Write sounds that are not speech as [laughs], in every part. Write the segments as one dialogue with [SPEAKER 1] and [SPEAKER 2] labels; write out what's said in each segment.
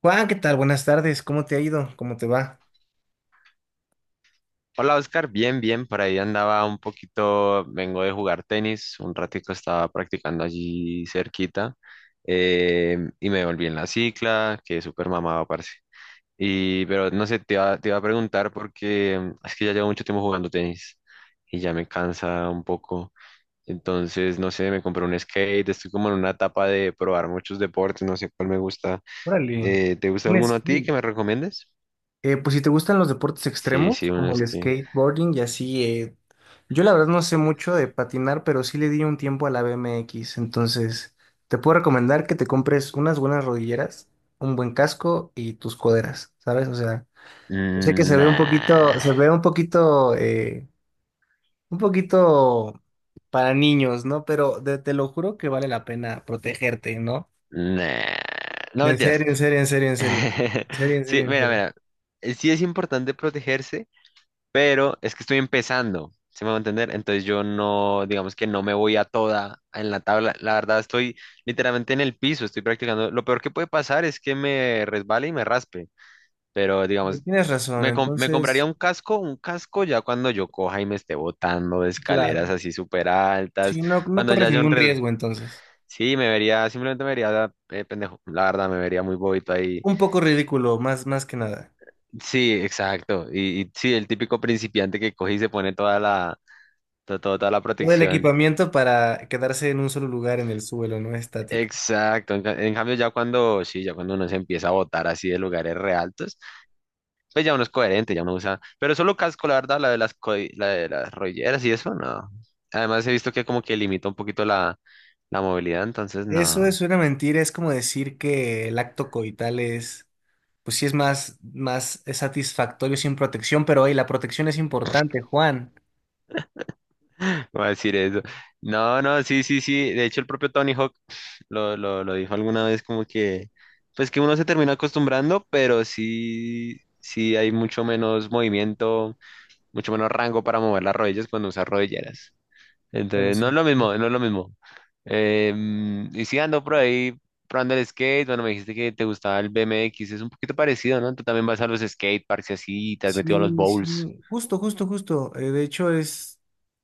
[SPEAKER 1] Juan, ¿qué tal? Buenas tardes. ¿Cómo te ha ido? ¿Cómo te va?
[SPEAKER 2] Hola Oscar, bien, bien, por ahí andaba un poquito. Vengo de jugar tenis, un ratico estaba practicando allí cerquita, y me volví en la cicla, que súper mamado, parce. Y pero no sé, te iba a preguntar porque es que ya llevo mucho tiempo jugando tenis y ya me cansa un poco. Entonces, no sé, me compré un skate, estoy como en una etapa de probar muchos deportes, no sé cuál me gusta.
[SPEAKER 1] Órale,
[SPEAKER 2] ¿Te gusta
[SPEAKER 1] un
[SPEAKER 2] alguno a ti
[SPEAKER 1] skate.
[SPEAKER 2] que me recomiendes?
[SPEAKER 1] Pues si te gustan los deportes
[SPEAKER 2] Sí,
[SPEAKER 1] extremos,
[SPEAKER 2] sí, uno
[SPEAKER 1] como
[SPEAKER 2] es
[SPEAKER 1] el
[SPEAKER 2] que...
[SPEAKER 1] skateboarding y así, yo la verdad no sé mucho de patinar, pero sí le di un tiempo a la BMX. Entonces, te puedo recomendar que te compres unas buenas rodilleras, un buen casco y tus coderas, ¿sabes? O sea, yo sé que se ve un poquito,
[SPEAKER 2] Nah.
[SPEAKER 1] se ve un poquito para niños, ¿no? Pero te lo juro que vale la pena protegerte, ¿no?
[SPEAKER 2] Nah, no
[SPEAKER 1] En
[SPEAKER 2] mentiras.
[SPEAKER 1] serio, en serio, en serio, en serio.
[SPEAKER 2] [laughs]
[SPEAKER 1] En serio, en
[SPEAKER 2] Sí,
[SPEAKER 1] serio, en
[SPEAKER 2] mira,
[SPEAKER 1] serio.
[SPEAKER 2] mira, sí es importante protegerse, pero es que estoy empezando, ¿se me va a entender? Entonces yo no, digamos que no me voy a toda en la tabla. La verdad estoy literalmente en el piso, estoy practicando. Lo peor que puede pasar es que me resbale y me raspe, pero
[SPEAKER 1] Sí,
[SPEAKER 2] digamos,
[SPEAKER 1] tienes razón,
[SPEAKER 2] me compraría
[SPEAKER 1] entonces,
[SPEAKER 2] un casco ya cuando yo coja y me esté botando de
[SPEAKER 1] sí,
[SPEAKER 2] escaleras
[SPEAKER 1] claro.
[SPEAKER 2] así súper altas,
[SPEAKER 1] Sí, no, no
[SPEAKER 2] cuando ya
[SPEAKER 1] corres
[SPEAKER 2] haya un
[SPEAKER 1] ningún
[SPEAKER 2] riesgo.
[SPEAKER 1] riesgo entonces.
[SPEAKER 2] Sí, me vería, simplemente me vería pendejo, la verdad, me vería muy bobito ahí.
[SPEAKER 1] Un poco ridículo, más, más que nada.
[SPEAKER 2] Sí, exacto. Y sí, el típico principiante que coge y se pone toda la, toda la
[SPEAKER 1] Todo el
[SPEAKER 2] protección.
[SPEAKER 1] equipamiento para quedarse en un solo lugar en el suelo, no estático.
[SPEAKER 2] Exacto. En cambio, ya cuando, sí, ya cuando uno se empieza a botar así de lugares re altos, pues ya uno es coherente, ya uno usa. Pero solo casco, la verdad, la de las rolleras y eso, no. Además, he visto que como que limita un poquito la, la movilidad, entonces
[SPEAKER 1] Eso
[SPEAKER 2] no.
[SPEAKER 1] es una mentira, es como decir que el acto coital es, pues sí es más, más satisfactorio sin protección, pero hoy la protección es importante, Juan.
[SPEAKER 2] [laughs] Voy a decir eso. No, no, sí, sí, sí. De hecho, el propio Tony Hawk lo dijo alguna vez como que, pues que uno se termina acostumbrando, pero sí, sí hay mucho menos movimiento, mucho menos rango para mover las rodillas cuando usas rodilleras.
[SPEAKER 1] Bueno,
[SPEAKER 2] Entonces, no es
[SPEAKER 1] sí.
[SPEAKER 2] lo mismo, no es lo mismo. Y sí ando por ahí probando el skate. Bueno, me dijiste que te gustaba el BMX, es un poquito parecido, ¿no? Tú también vas a los skate parks y así, y te has metido a los
[SPEAKER 1] Sí,
[SPEAKER 2] bowls.
[SPEAKER 1] sí, justo, justo, justo. De hecho, es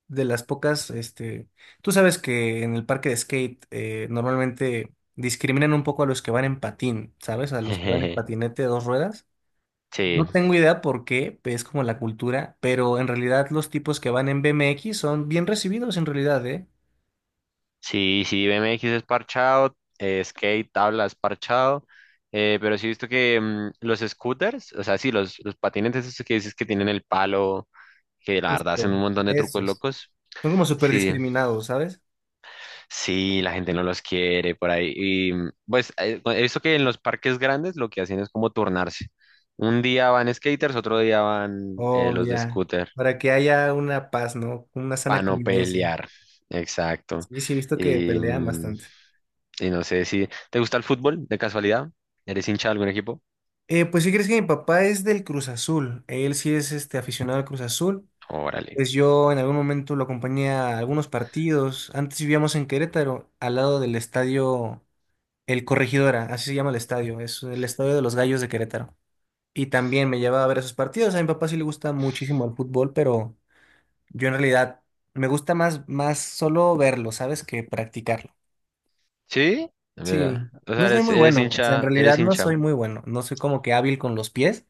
[SPEAKER 1] de las pocas, este, tú sabes que en el parque de skate normalmente discriminan un poco a los que van en patín, ¿sabes? A los que van en
[SPEAKER 2] [laughs]
[SPEAKER 1] patinete de dos ruedas.
[SPEAKER 2] Sí.
[SPEAKER 1] No tengo idea por qué, es como la cultura, pero en realidad los tipos que van en BMX son bien recibidos en realidad, ¿eh?
[SPEAKER 2] Sí, sí, BMX es parchado, skate, tabla es parchado, pero sí he visto que los scooters, o sea, sí, los patinetes esos que dices que tienen el palo, que la verdad hacen
[SPEAKER 1] Justo,
[SPEAKER 2] un montón de trucos
[SPEAKER 1] esos.
[SPEAKER 2] locos,
[SPEAKER 1] Son como súper
[SPEAKER 2] sí,
[SPEAKER 1] discriminados, ¿sabes?
[SPEAKER 2] sí, la gente no los quiere por ahí. Y pues he visto que en los parques grandes lo que hacen es como turnarse. Un día van skaters, otro día van
[SPEAKER 1] Oh,
[SPEAKER 2] los de
[SPEAKER 1] ya.
[SPEAKER 2] scooter,
[SPEAKER 1] Para que haya una paz, ¿no? Una
[SPEAKER 2] para
[SPEAKER 1] sana
[SPEAKER 2] no
[SPEAKER 1] convivencia.
[SPEAKER 2] pelear, exacto.
[SPEAKER 1] Sí, sí, he visto que
[SPEAKER 2] Y,
[SPEAKER 1] pelean bastante.
[SPEAKER 2] y no sé si te gusta el fútbol de casualidad. ¿Eres hincha de algún equipo?
[SPEAKER 1] Pues si crees que mi papá es del Cruz Azul, él sí es este aficionado al Cruz Azul.
[SPEAKER 2] Órale.
[SPEAKER 1] Pues yo en algún momento lo acompañé a algunos partidos. Antes vivíamos en Querétaro, al lado del estadio El Corregidora, así se llama el estadio, es el estadio de los Gallos de Querétaro. Y también me llevaba a ver esos partidos. A mi papá sí le gusta muchísimo el fútbol, pero yo en realidad me gusta más, más solo verlo, ¿sabes? Que practicarlo.
[SPEAKER 2] ¿Sí? ¿Verdad?
[SPEAKER 1] Sí,
[SPEAKER 2] O sea,
[SPEAKER 1] no soy
[SPEAKER 2] eres,
[SPEAKER 1] muy
[SPEAKER 2] eres
[SPEAKER 1] bueno, o sea, en
[SPEAKER 2] hincha,
[SPEAKER 1] realidad
[SPEAKER 2] eres
[SPEAKER 1] no
[SPEAKER 2] hincha.
[SPEAKER 1] soy muy bueno, no soy como que hábil con los pies,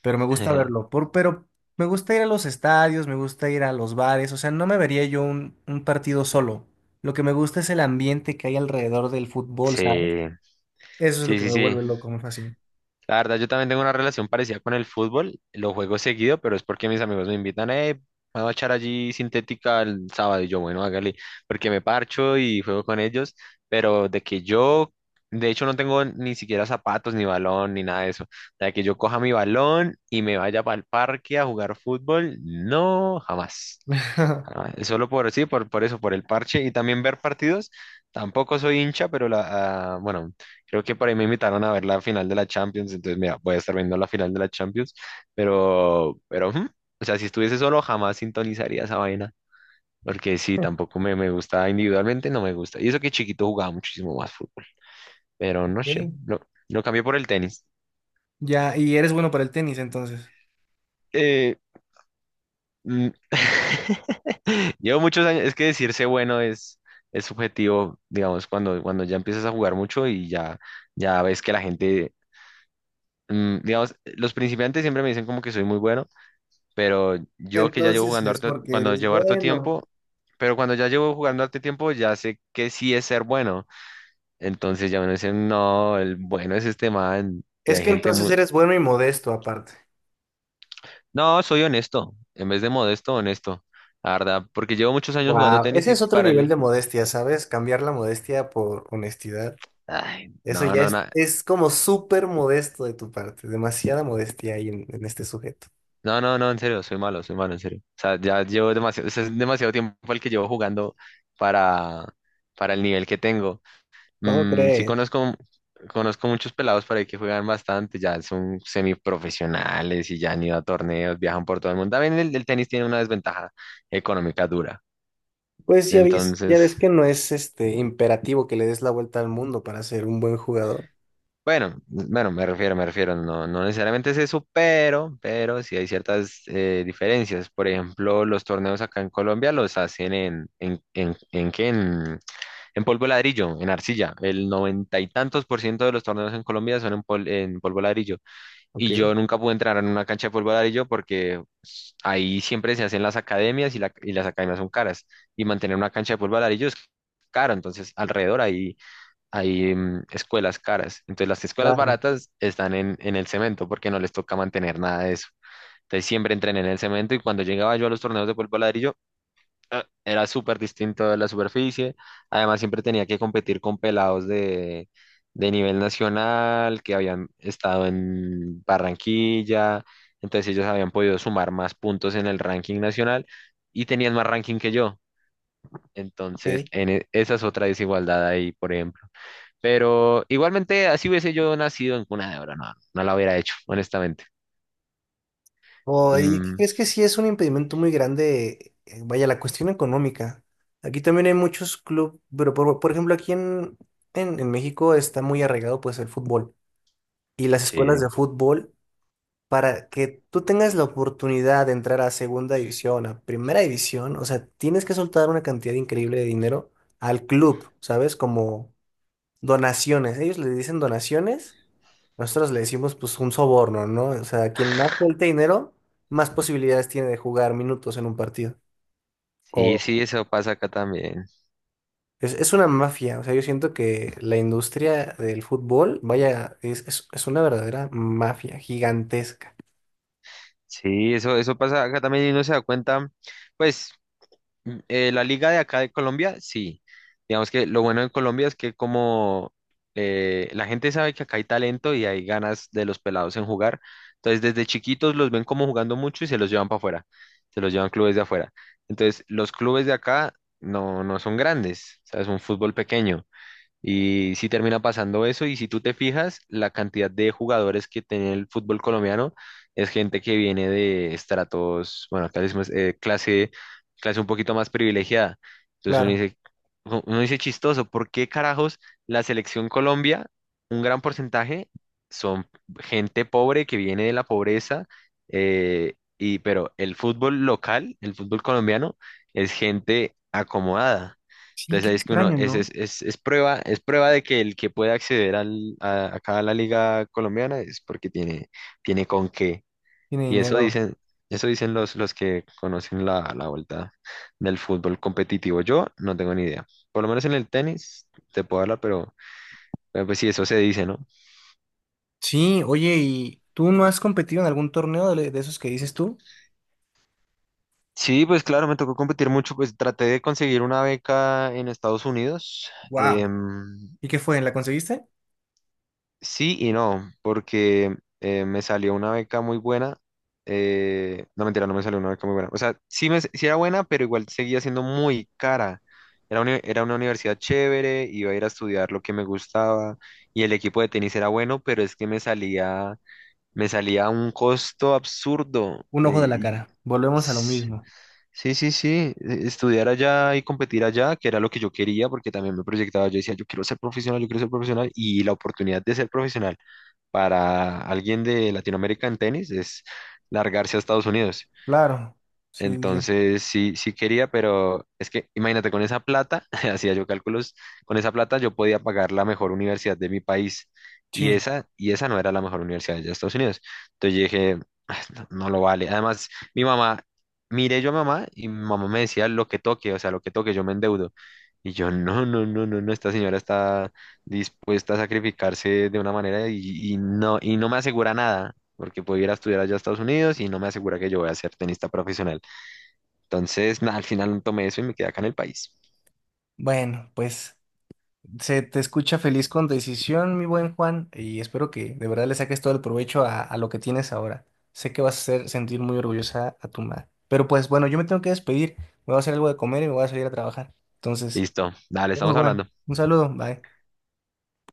[SPEAKER 1] pero me gusta verlo.
[SPEAKER 2] [laughs]
[SPEAKER 1] Pero me gusta ir a los estadios, me gusta ir a los bares, o sea, no me vería yo un partido solo. Lo que me gusta es el ambiente que hay alrededor del fútbol, ¿sabes?
[SPEAKER 2] Sí,
[SPEAKER 1] Eso es lo
[SPEAKER 2] sí,
[SPEAKER 1] que
[SPEAKER 2] sí,
[SPEAKER 1] me
[SPEAKER 2] sí.
[SPEAKER 1] vuelve loco, me fascina.
[SPEAKER 2] La verdad, yo también tengo una relación parecida con el fútbol. Lo juego seguido, pero es porque mis amigos me invitan, vamos a echar allí sintética el sábado. Y yo, bueno, hágale, porque me parcho y juego con ellos. Pero de que yo, de hecho, no tengo ni siquiera zapatos, ni balón, ni nada de eso. De que yo coja mi balón y me vaya para el parque a jugar fútbol, no, jamás.
[SPEAKER 1] [laughs]
[SPEAKER 2] Ah, solo por, sí, por eso, por el parche y también ver partidos. Tampoco soy hincha, pero la, ah, bueno, creo que por ahí me invitaron a ver la final de la Champions, entonces mira, voy a estar viendo la final de la Champions, pero, ujú, o sea, si estuviese solo jamás sintonizaría esa vaina, porque sí, tampoco me, me gusta individualmente, no me gusta. Y eso que chiquito jugaba muchísimo más fútbol, pero no sé,
[SPEAKER 1] Ok,
[SPEAKER 2] no, lo cambié por el tenis.
[SPEAKER 1] ya, y eres bueno para el tenis, entonces.
[SPEAKER 2] Eh, mm, [laughs] [laughs] Llevo muchos años, es que decirse bueno es subjetivo, digamos, cuando, cuando ya empiezas a jugar mucho y ya, ya ves que la gente, digamos, los principiantes siempre me dicen como que soy muy bueno, pero yo que ya llevo
[SPEAKER 1] Entonces
[SPEAKER 2] jugando
[SPEAKER 1] es
[SPEAKER 2] harto,
[SPEAKER 1] porque
[SPEAKER 2] cuando
[SPEAKER 1] eres
[SPEAKER 2] llevo harto
[SPEAKER 1] bueno.
[SPEAKER 2] tiempo, pero cuando ya llevo jugando harto tiempo ya sé que sí es ser bueno, entonces ya me dicen no, el bueno es este man, y
[SPEAKER 1] Es
[SPEAKER 2] hay
[SPEAKER 1] que
[SPEAKER 2] gente
[SPEAKER 1] entonces
[SPEAKER 2] muy,
[SPEAKER 1] eres bueno y modesto aparte.
[SPEAKER 2] no, soy honesto, en vez de modesto, honesto, la verdad, porque llevo muchos años jugando
[SPEAKER 1] Wow,
[SPEAKER 2] tenis
[SPEAKER 1] ese
[SPEAKER 2] y
[SPEAKER 1] es otro
[SPEAKER 2] para
[SPEAKER 1] nivel
[SPEAKER 2] el...
[SPEAKER 1] de modestia, ¿sabes? Cambiar la modestia por honestidad.
[SPEAKER 2] Ay,
[SPEAKER 1] Eso
[SPEAKER 2] no,
[SPEAKER 1] ya
[SPEAKER 2] no, no.
[SPEAKER 1] es como súper modesto de tu parte, demasiada modestia hay en este sujeto.
[SPEAKER 2] No, no, no, en serio, soy malo, en serio. O sea, ya llevo demasiado, o sea, es demasiado tiempo el que llevo jugando para, para el nivel que tengo.
[SPEAKER 1] ¿Cómo
[SPEAKER 2] Sí
[SPEAKER 1] crees?
[SPEAKER 2] conozco, conozco muchos pelados para ahí que juegan bastante, ya son semiprofesionales y ya han ido a torneos, viajan por todo el mundo. También el tenis tiene una desventaja económica dura.
[SPEAKER 1] Pues ya
[SPEAKER 2] Entonces,
[SPEAKER 1] ves que no es este imperativo que le des la vuelta al mundo para ser un buen jugador.
[SPEAKER 2] bueno, bueno, me refiero, no, no necesariamente es eso, pero sí hay ciertas diferencias. Por ejemplo, los torneos acá en Colombia los hacen en, en polvo de ladrillo, en arcilla. El noventa y tantos por ciento de los torneos en Colombia son en, en polvo de ladrillo. Y
[SPEAKER 1] Ok.
[SPEAKER 2] yo nunca pude entrar en una cancha de polvo de ladrillo porque ahí siempre se hacen las academias y las academias son caras. Y mantener una cancha de polvo de ladrillo es caro, entonces alrededor ahí hay escuelas caras. Entonces las escuelas
[SPEAKER 1] Claro.
[SPEAKER 2] baratas están en el cemento porque no les toca mantener nada de eso. Entonces siempre entrené en el cemento y cuando llegaba yo a los torneos de polvo ladrillo, ah, era súper distinto de la superficie. Además siempre tenía que competir con pelados de nivel nacional que habían estado en Barranquilla. Entonces ellos habían podido sumar más puntos en el ranking nacional y tenían más ranking que yo. Entonces
[SPEAKER 1] Ok.
[SPEAKER 2] esa es otra desigualdad ahí, por ejemplo. Pero igualmente, así hubiese yo nacido en cuna de oro, no, no la hubiera hecho, honestamente.
[SPEAKER 1] Oh, ¿y qué
[SPEAKER 2] Mm,
[SPEAKER 1] crees que sí es un impedimento muy grande? Vaya, la cuestión económica. Aquí también hay muchos clubes, pero por ejemplo aquí en México está muy arraigado pues el fútbol. Y las escuelas
[SPEAKER 2] sí,
[SPEAKER 1] de fútbol para que tú tengas la oportunidad de entrar a segunda división, a primera división, o sea, tienes que soltar una cantidad increíble de dinero al club, ¿sabes? Como donaciones. Ellos le dicen donaciones, nosotros le decimos pues un soborno, ¿no? O sea, quien más suelte dinero, más posibilidades tiene de jugar minutos en un partido.
[SPEAKER 2] sí,
[SPEAKER 1] O
[SPEAKER 2] sí, eso pasa acá también.
[SPEAKER 1] es una mafia, o sea, yo siento que la industria del fútbol, vaya, es una verdadera mafia gigantesca.
[SPEAKER 2] Sí, eso pasa acá también y uno se da cuenta, pues la liga de acá de Colombia, sí. Digamos que lo bueno en Colombia es que como la gente sabe que acá hay talento y hay ganas de los pelados en jugar, entonces desde chiquitos los ven como jugando mucho y se los llevan para afuera, se los llevan clubes de afuera. Entonces los clubes de acá no, no son grandes, o sea, es un fútbol pequeño. Y si termina pasando eso, y si tú te fijas, la cantidad de jugadores que tiene el fútbol colombiano es gente que viene de estratos, bueno, acá le decimos, clase, clase un poquito más privilegiada. Entonces
[SPEAKER 1] Claro.
[SPEAKER 2] uno dice chistoso, ¿por qué carajos la selección Colombia, un gran porcentaje, son gente pobre que viene de la pobreza, pero el fútbol local, el fútbol colombiano, es gente acomodada.
[SPEAKER 1] Sí,
[SPEAKER 2] Entonces
[SPEAKER 1] qué
[SPEAKER 2] ahí es que uno,
[SPEAKER 1] extraño, ¿no?
[SPEAKER 2] es prueba de que el que puede acceder acá a la liga colombiana es porque tiene, tiene con qué.
[SPEAKER 1] Tiene
[SPEAKER 2] Y
[SPEAKER 1] dinero.
[SPEAKER 2] eso dicen los que conocen la, la vuelta del fútbol competitivo. Yo no tengo ni idea. Por lo menos en el tenis te puedo hablar, pero pues sí, eso se dice, ¿no?
[SPEAKER 1] Sí, oye, ¿y tú no has competido en algún torneo de esos que dices tú?
[SPEAKER 2] Sí, pues claro, me tocó competir mucho, pues traté de conseguir una beca en Estados Unidos.
[SPEAKER 1] Wow. ¿Y qué fue? ¿La conseguiste?
[SPEAKER 2] Sí y no, porque me salió una beca muy buena. No, mentira, no me salió una beca muy buena. O sea, sí, me, sí era buena, pero igual seguía siendo muy cara. Era una universidad chévere, iba a ir a estudiar lo que me gustaba y el equipo de tenis era bueno, pero es que me salía a un costo absurdo.
[SPEAKER 1] Un ojo de la cara. Volvemos a lo
[SPEAKER 2] S-
[SPEAKER 1] mismo.
[SPEAKER 2] sí, sí, sí, estudiar allá y competir allá, que era lo que yo quería, porque también me proyectaba, yo decía, yo quiero ser profesional, yo quiero ser profesional y la oportunidad de ser profesional para alguien de Latinoamérica en tenis es largarse a Estados Unidos.
[SPEAKER 1] Claro. Sí, sí, sí.
[SPEAKER 2] Entonces sí, sí quería, pero es que imagínate, con esa plata, [laughs] hacía yo cálculos, con esa plata yo podía pagar la mejor universidad de mi país
[SPEAKER 1] Sí.
[SPEAKER 2] y esa no era la mejor universidad de Estados Unidos. Entonces yo dije, "Ah, no, no lo vale. Además, mi mamá, miré yo a mamá y mi mamá me decía lo que toque, o sea, lo que toque, yo me endeudo. Y yo, no, no, no, no, no, esta señora está dispuesta a sacrificarse de una manera y no me asegura nada, porque puedo ir a estudiar allá a Estados Unidos y no me asegura que yo voy a ser tenista profesional. Entonces, [laughs] nada, al final tomé eso y me quedé acá en el país.
[SPEAKER 1] Bueno, pues se te escucha feliz con decisión, mi buen Juan, y espero que de verdad le saques todo el provecho a lo que tienes ahora. Sé que vas a hacer sentir muy orgullosa a tu madre. Pero pues bueno, yo me tengo que despedir. Me voy a hacer algo de comer y me voy a salir a trabajar. Entonces,
[SPEAKER 2] Listo, dale,
[SPEAKER 1] bueno,
[SPEAKER 2] estamos
[SPEAKER 1] Juan,
[SPEAKER 2] hablando.
[SPEAKER 1] un saludo. Bye.